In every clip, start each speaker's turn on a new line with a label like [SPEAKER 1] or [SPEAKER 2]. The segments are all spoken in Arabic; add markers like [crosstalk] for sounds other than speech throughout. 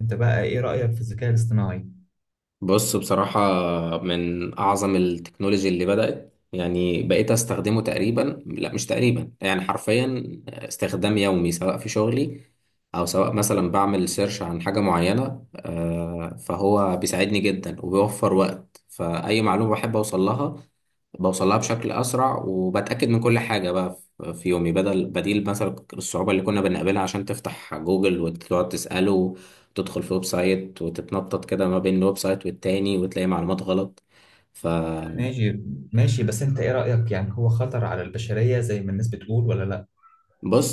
[SPEAKER 1] انت بقى ايه رأيك في الذكاء الاصطناعي؟
[SPEAKER 2] بص، بصراحة من أعظم التكنولوجي اللي بدأت. يعني بقيت أستخدمه تقريبا، لا مش تقريبا، يعني حرفيا استخدام يومي، سواء في شغلي أو سواء مثلا بعمل سيرش عن حاجة معينة. فهو بيساعدني جدا وبيوفر وقت، فأي معلومة بحب أوصل لها بوصل لها بشكل أسرع، وبتأكد من كل حاجة بقى في يومي، بديل مثلا الصعوبة اللي كنا بنقابلها عشان تفتح جوجل وتقعد تسأله، تدخل في ويب سايت وتتنطط كده ما بين الويب سايت والتاني وتلاقي معلومات غلط. فبص،
[SPEAKER 1] ماشي. ماشي، بس انت ايه رأيك، يعني هو خطر على البشرية زي ما الناس بتقول ولا لا؟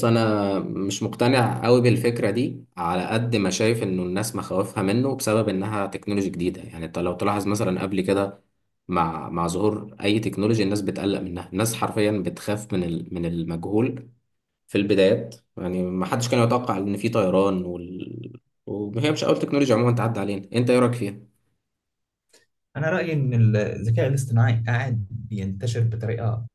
[SPEAKER 2] انا مش مقتنع قوي بالفكرة دي، على قد ما شايف انه الناس مخاوفها منه بسبب انها تكنولوجي جديدة. يعني انت لو تلاحظ مثلا قبل كده، مع ظهور اي تكنولوجيا الناس بتقلق منها. الناس حرفيا بتخاف من المجهول في البدايات. يعني ما حدش كان يتوقع ان في طيران وهي مش اول تكنولوجيا عموما تعدي علينا. انت ايه رايك فيها؟
[SPEAKER 1] انا رأيي ان الذكاء الاصطناعي قاعد بينتشر بطريقة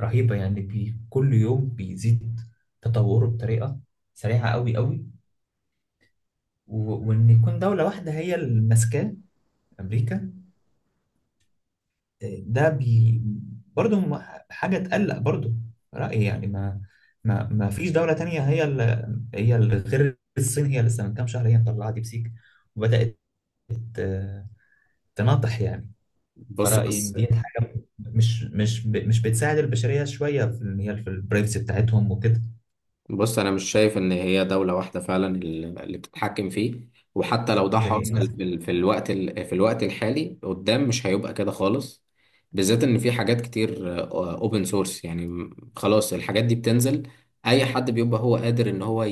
[SPEAKER 1] رهيبة، يعني بي كل يوم بيزيد تطوره بطريقة سريعة قوي قوي. و- وان يكون دولة واحدة هي اللي ماسكاه، امريكا، ده بي برضه هم حاجة تقلق برضه. رأيي يعني ما فيش دولة تانية هي هي غير الصين. هي لسه من كام شهر هي مطلعة ديبسيك وبدأت ت- تناطح يعني.
[SPEAKER 2] بص
[SPEAKER 1] فرأيي
[SPEAKER 2] بس
[SPEAKER 1] دي حاجة مش مش مش بتساعد البشرية شوية في إن هي في البرايفسي بتاعتهم وكده.
[SPEAKER 2] بص، انا مش شايف ان هي دوله واحده فعلا اللي بتتحكم فيه، وحتى لو ده
[SPEAKER 1] زي
[SPEAKER 2] حاصل
[SPEAKER 1] الناس.
[SPEAKER 2] في ال- في الوقت ال- في الوقت الحالي، قدام مش هيبقى كده خالص. بالذات ان في حاجات كتير اوبن سورس. يعني خلاص الحاجات دي بتنزل، اي حد بيبقى هو قادر ان هو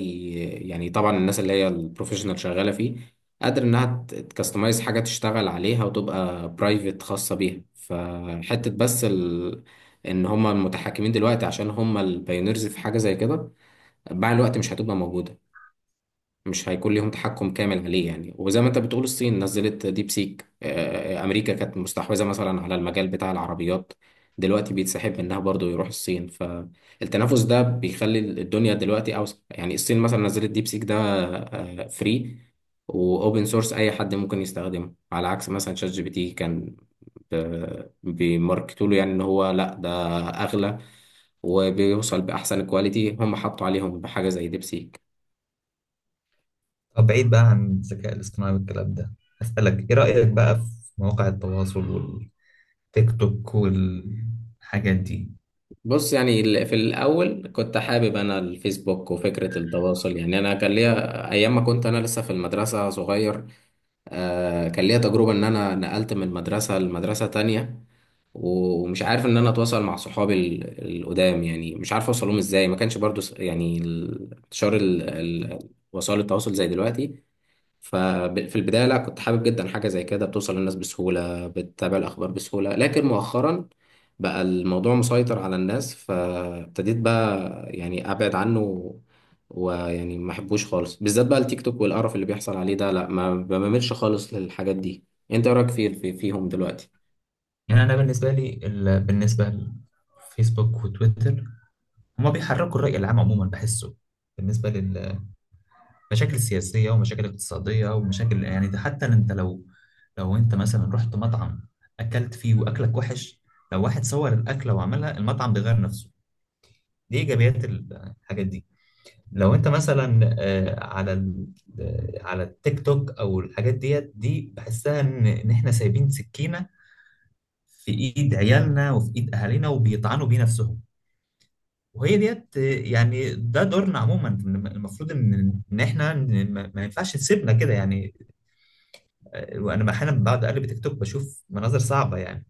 [SPEAKER 2] يعني طبعا الناس اللي هي البروفيشنال شغاله فيه قادر انها تكستمايز حاجه تشتغل عليها وتبقى برايفت خاصه بيها. فحته بس ان هم المتحكمين دلوقتي عشان هم البايونيرز في حاجه زي كده، مع الوقت مش هتبقى موجودة. مش هيكون ليهم تحكم كامل عليه. يعني وزي ما انت بتقول الصين نزلت ديب سيك. امريكا كانت مستحوذة مثلا على المجال بتاع العربيات، دلوقتي بيتسحب منها برضو يروح الصين. فالتنافس ده بيخلي الدنيا دلوقتي اوسع. يعني الصين مثلا نزلت ديب سيك، ده فري واوبن سورس، اي حد ممكن يستخدمه، على عكس مثلا شات جي بي تي كان بيماركتوا له يعني ان هو لا، ده اغلى وبيوصل باحسن كواليتي. هم حطوا عليهم بحاجة زي ديب سيك.
[SPEAKER 1] طب بعيد بقى عن الذكاء الاصطناعي والكلام ده، أسألك إيه رأيك بقى في مواقع التواصل والتيك توك والحاجات دي؟
[SPEAKER 2] بص، يعني في الأول كنت حابب أنا الفيسبوك وفكرة التواصل. يعني أنا كان ليا أيام ما كنت أنا لسه في المدرسة صغير. كان ليا تجربة إن أنا نقلت من مدرسة لمدرسة تانية، ومش عارف إن أنا أتواصل مع صحابي القدام. يعني مش عارف أوصلهم إزاي، ما كانش برضو انتشار وسائل التواصل زي دلوقتي. ففي البداية لا، كنت حابب جدا حاجة زي كده، بتوصل للناس بسهولة، بتتابع الأخبار بسهولة، لكن مؤخرا بقى الموضوع مسيطر على الناس، فابتديت بقى يعني أبعد عنه. ويعني ما أحبوش خالص، بالذات بقى التيك توك والقرف اللي بيحصل عليه ده. لا، ما بميلش خالص للحاجات دي. أنت إيه رأيك فيهم دلوقتي؟
[SPEAKER 1] يعني انا بالنسبه لي بالنسبه لفيسبوك وتويتر، هما بيحركوا الراي العام عموما، بحسه بالنسبه للمشاكل السياسيه ومشاكل اقتصاديه ومشاكل، يعني ده حتى انت لو لو انت مثلا رحت مطعم اكلت فيه واكلك وحش، لو واحد صور الاكله وعملها المطعم بيغير نفسه. دي ايجابيات الحاجات دي. لو انت مثلا على التيك توك او الحاجات ديت، دي بحسها ان ان احنا سايبين سكينه في ايد عيالنا وفي ايد اهالينا وبيطعنوا بيه نفسهم. وهي ديت يعني ده دورنا عموما، المفروض ان ان احنا ما ينفعش نسيبنا كده يعني. وانا احيانا بعد اقلب تيك توك بشوف مناظر صعبه يعني.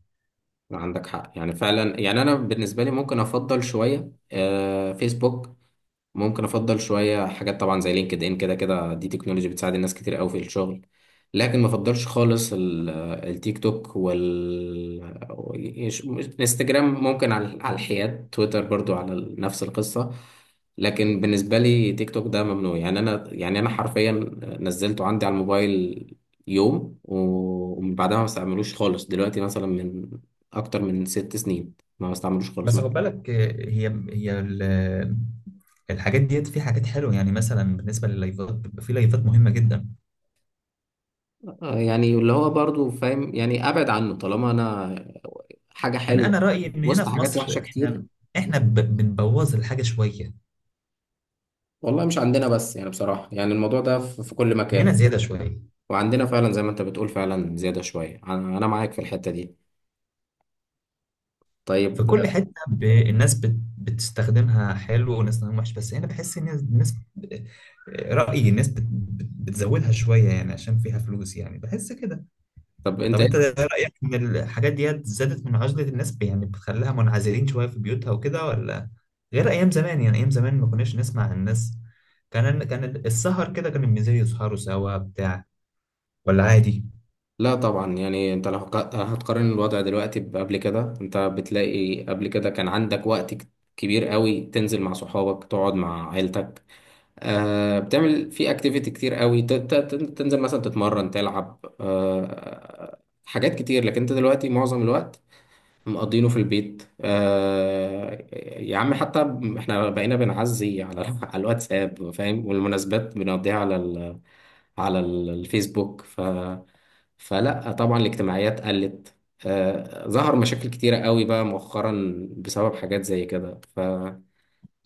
[SPEAKER 2] عندك حق، يعني فعلا. يعني أنا بالنسبة لي ممكن أفضل شوية فيسبوك. ممكن افضل شويه حاجات طبعا زي لينكد ان، كده كده دي تكنولوجي بتساعد الناس كتير قوي في الشغل. لكن ما افضلش خالص التيك توك وال إيش- انستجرام. ممكن على الحياد تويتر برضو نفس القصه. لكن بالنسبه لي تيك توك ده ممنوع. يعني انا حرفيا نزلته عندي على الموبايل يوم، ومن بعدها ما بستعملوش خالص. دلوقتي مثلا من اكتر من ست سنين ما بستعملوش خالص.
[SPEAKER 1] بس خد بالك، هي الحاجات ديت في حاجات حلوه، يعني مثلا بالنسبه لللايفات، بيبقى في لايفات مهمه جدا.
[SPEAKER 2] يعني اللي هو برضو فاهم، يعني ابعد عنه طالما انا حاجه
[SPEAKER 1] يعني
[SPEAKER 2] حلوه
[SPEAKER 1] انا رايي ان هنا
[SPEAKER 2] وسط
[SPEAKER 1] في
[SPEAKER 2] حاجات وحشه
[SPEAKER 1] مصر
[SPEAKER 2] كتير.
[SPEAKER 1] احنا، احنا بنبوظ الحاجه شويه،
[SPEAKER 2] والله مش عندنا بس، يعني بصراحه يعني الموضوع ده في كل
[SPEAKER 1] هنا
[SPEAKER 2] مكان.
[SPEAKER 1] زياده شويه.
[SPEAKER 2] وعندنا فعلا زي ما انت بتقول، فعلا زياده شويه. أنا معاك في الحته دي.
[SPEAKER 1] في
[SPEAKER 2] طيب.
[SPEAKER 1] كل حته الناس بتستخدمها حلو والناس بتستخدمها وحش، بس هنا بحس ان الناس رايي الناس بتزودها شويه، يعني عشان فيها فلوس يعني، بحس كده.
[SPEAKER 2] طب انت
[SPEAKER 1] طب
[SPEAKER 2] ايه.
[SPEAKER 1] انت رايك ان الحاجات ديت زادت من عزله الناس، يعني بتخليها منعزلين شويه في بيوتها وكده، ولا غير ايام زمان؟ يعني ايام زمان ما كناش نسمع عن الناس، كان كان السهر كده، كان بالنسبه لي يسهروا سوا بتاع، ولا عادي.
[SPEAKER 2] لا طبعا. يعني انت لو هتقارن الوضع دلوقتي بقبل كده، انت بتلاقي قبل كده كان عندك وقت كبير قوي، تنزل مع صحابك، تقعد مع عيلتك. بتعمل في اكتيفيتي كتير قوي، تنزل مثلا تتمرن تلعب. حاجات كتير. لكن انت دلوقتي معظم الوقت مقضينه في البيت. يا عم، حتى احنا بقينا بنعزي على [laughs] على الواتساب، فاهم، والمناسبات بنقضيها على الفيسبوك. فلا طبعا، الاجتماعيات قلت. ظهر مشاكل كتيرة قوي بقى مؤخرا بسبب حاجات زي كده.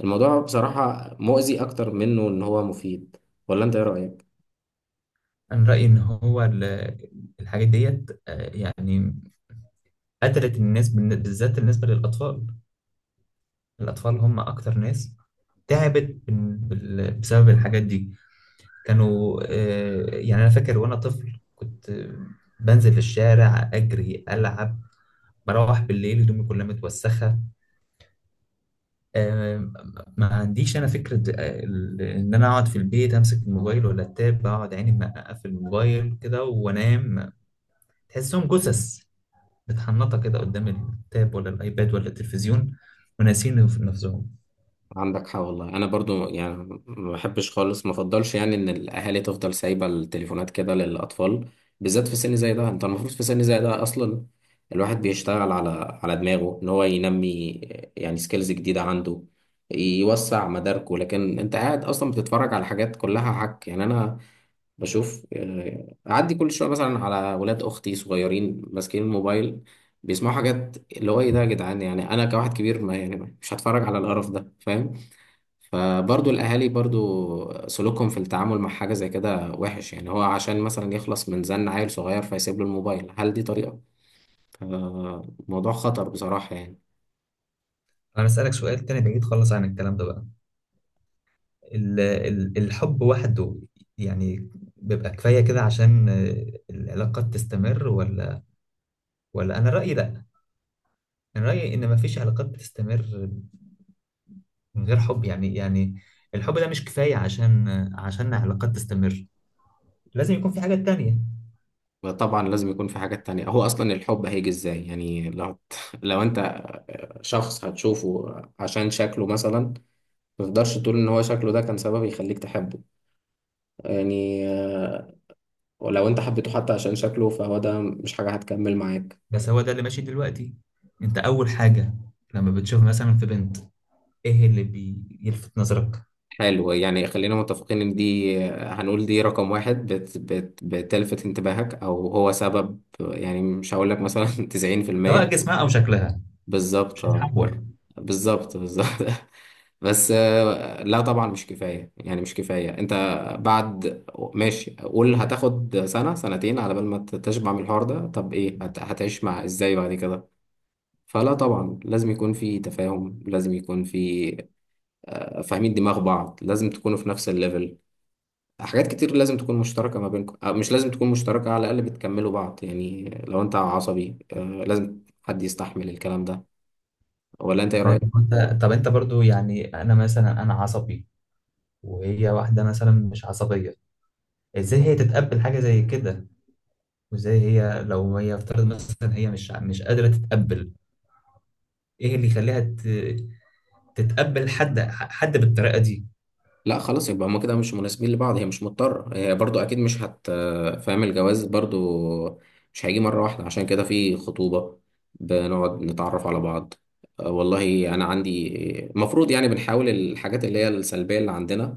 [SPEAKER 2] الموضوع بصراحة مؤذي أكتر منه إن هو مفيد. ولا أنت إيه رأيك؟
[SPEAKER 1] انا رايي ان هو الحاجات ديت يعني قتلت الناس، بالذات بالنسبة للأطفال. الأطفال هم أكتر ناس تعبت بسبب الحاجات دي. كانوا يعني أنا فاكر وأنا طفل كنت بنزل في الشارع أجري ألعب، بروح بالليل هدومي كلها متوسخة. آه، ما عنديش أنا فكرة إن أنا أقعد في البيت أمسك الموبايل ولا التاب، أقعد عيني منققة في الموبايل كده وأنام. تحسهم جثث متحنطة كده قدام التاب ولا الأيباد ولا التلفزيون، وناسين نفسهم.
[SPEAKER 2] عندك حق والله. أنا برضو يعني ما بحبش خالص، ما أفضلش يعني إن الأهالي تفضل سايبة التليفونات كده للأطفال، بالذات في سن زي ده. أنت المفروض في سن زي ده أصلا الواحد بيشتغل على دماغه إن هو ينمي يعني سكيلز جديدة عنده، يوسع مداركه. لكن أنت قاعد أصلا بتتفرج على حاجات كلها حك. يعني أنا بشوف، اعدي كل شويه مثلا على ولاد اختي صغيرين ماسكين الموبايل، بيسمعوا حاجات اللي هو ايه ده يا جدعان. يعني انا كواحد كبير، ما يعني مش هتفرج على القرف ده، فاهم. فبرضو الاهالي برضو سلوكهم في التعامل مع حاجه زي كده وحش. يعني هو عشان مثلا يخلص من زن عيل صغير فيسيب له الموبايل، هل دي طريقه؟ فموضوع خطر بصراحه يعني.
[SPEAKER 1] انا بسألك سؤال تاني بعيد خالص عن الكلام ده بقى. الحب وحده يعني بيبقى كفاية كده عشان العلاقات تستمر، ولا؟ ولا انا رأيي لا، انا رأيي ان مفيش علاقات بتستمر من غير حب، يعني يعني الحب ده مش كفاية عشان عشان علاقات تستمر، لازم يكون في حاجة تانية.
[SPEAKER 2] طبعا لازم يكون في حاجات تانية. هو أصلا الحب هيجي إزاي؟ يعني لو [laughs] لو أنت شخص هتشوفه عشان شكله مثلا، ما تقدرش تقول ان هو شكله ده كان سبب يخليك تحبه. يعني ولو انت حبيته حتى عشان شكله، فهو ده مش حاجة هتكمل معاك.
[SPEAKER 1] بس هو ده اللي ماشي دلوقتي. انت اول حاجة لما بتشوف مثلا في بنت، ايه اللي بيلفت نظرك؟
[SPEAKER 2] حلو، يعني خلينا متفقين ان دي، هنقول دي رقم واحد بت بت بتلفت انتباهك، او هو سبب. يعني مش هقول لك مثلا [laughs]
[SPEAKER 1] سواء
[SPEAKER 2] 90%.
[SPEAKER 1] جسمها او شكلها، مش
[SPEAKER 2] بالظبط اه.
[SPEAKER 1] هنحور.
[SPEAKER 2] بالظبط بالظبط [laughs] بس لا طبعا مش كفاية. يعني مش كفاية، انت بعد ماشي قول هتاخد سنة سنتين على بال ما تشبع من الحوار ده، طب ايه هتعيش مع ازاي بعد كده؟ فلا طبعا لازم يكون في تفاهم، لازم يكون في فاهمين دماغ بعض، لازم تكونوا في نفس الليفل. حاجات كتير لازم تكون مشتركة ما بينكم. مش لازم تكون مشتركة، على الأقل بتكملوا بعض. يعني لو أنت عصبي، لازم حد يستحمل الكلام ده. ولا أنت إيه
[SPEAKER 1] طيب
[SPEAKER 2] رأيك؟
[SPEAKER 1] انت، طب انت برضو يعني انا مثلا انا عصبي وهي واحده مثلا مش عصبيه، ازاي هي تتقبل حاجه زي كده؟ وازاي هي لو هي افترض مثلا هي مش مش قادره تتقبل، ايه اللي يخليها تتقبل حد حد بالطريقه دي؟
[SPEAKER 2] لا خلاص، يبقى هما كده مش مناسبين لبعض. هي مش مضطرة، هي برضو أكيد مش فاهم. الجواز برضو مش هيجي مرة واحدة، عشان كده في خطوبة، بنقعد نتعرف على بعض. والله أنا عندي المفروض يعني بنحاول الحاجات اللي هي السلبية اللي عندنا،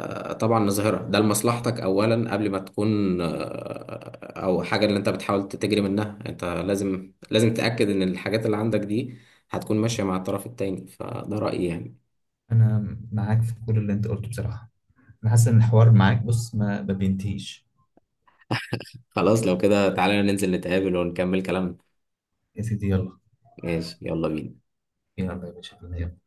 [SPEAKER 2] طبعا نظهرها. ده لمصلحتك أولا قبل ما تكون أو حاجة اللي أنت بتحاول تجري منها. أنت لازم، لازم تأكد إن الحاجات اللي عندك دي هتكون ماشية مع الطرف التاني. فده رأيي يعني.
[SPEAKER 1] انا معاك في كل اللي انت قلته بصراحه. انا حاسس ان الحوار معاك، بص، ما بينتهيش.
[SPEAKER 2] خلاص لو كده، تعالى ننزل نتقابل ونكمل كلامنا.
[SPEAKER 1] يا سيدي يلا.
[SPEAKER 2] ماشي، يلا بينا.
[SPEAKER 1] يلا يا باشا.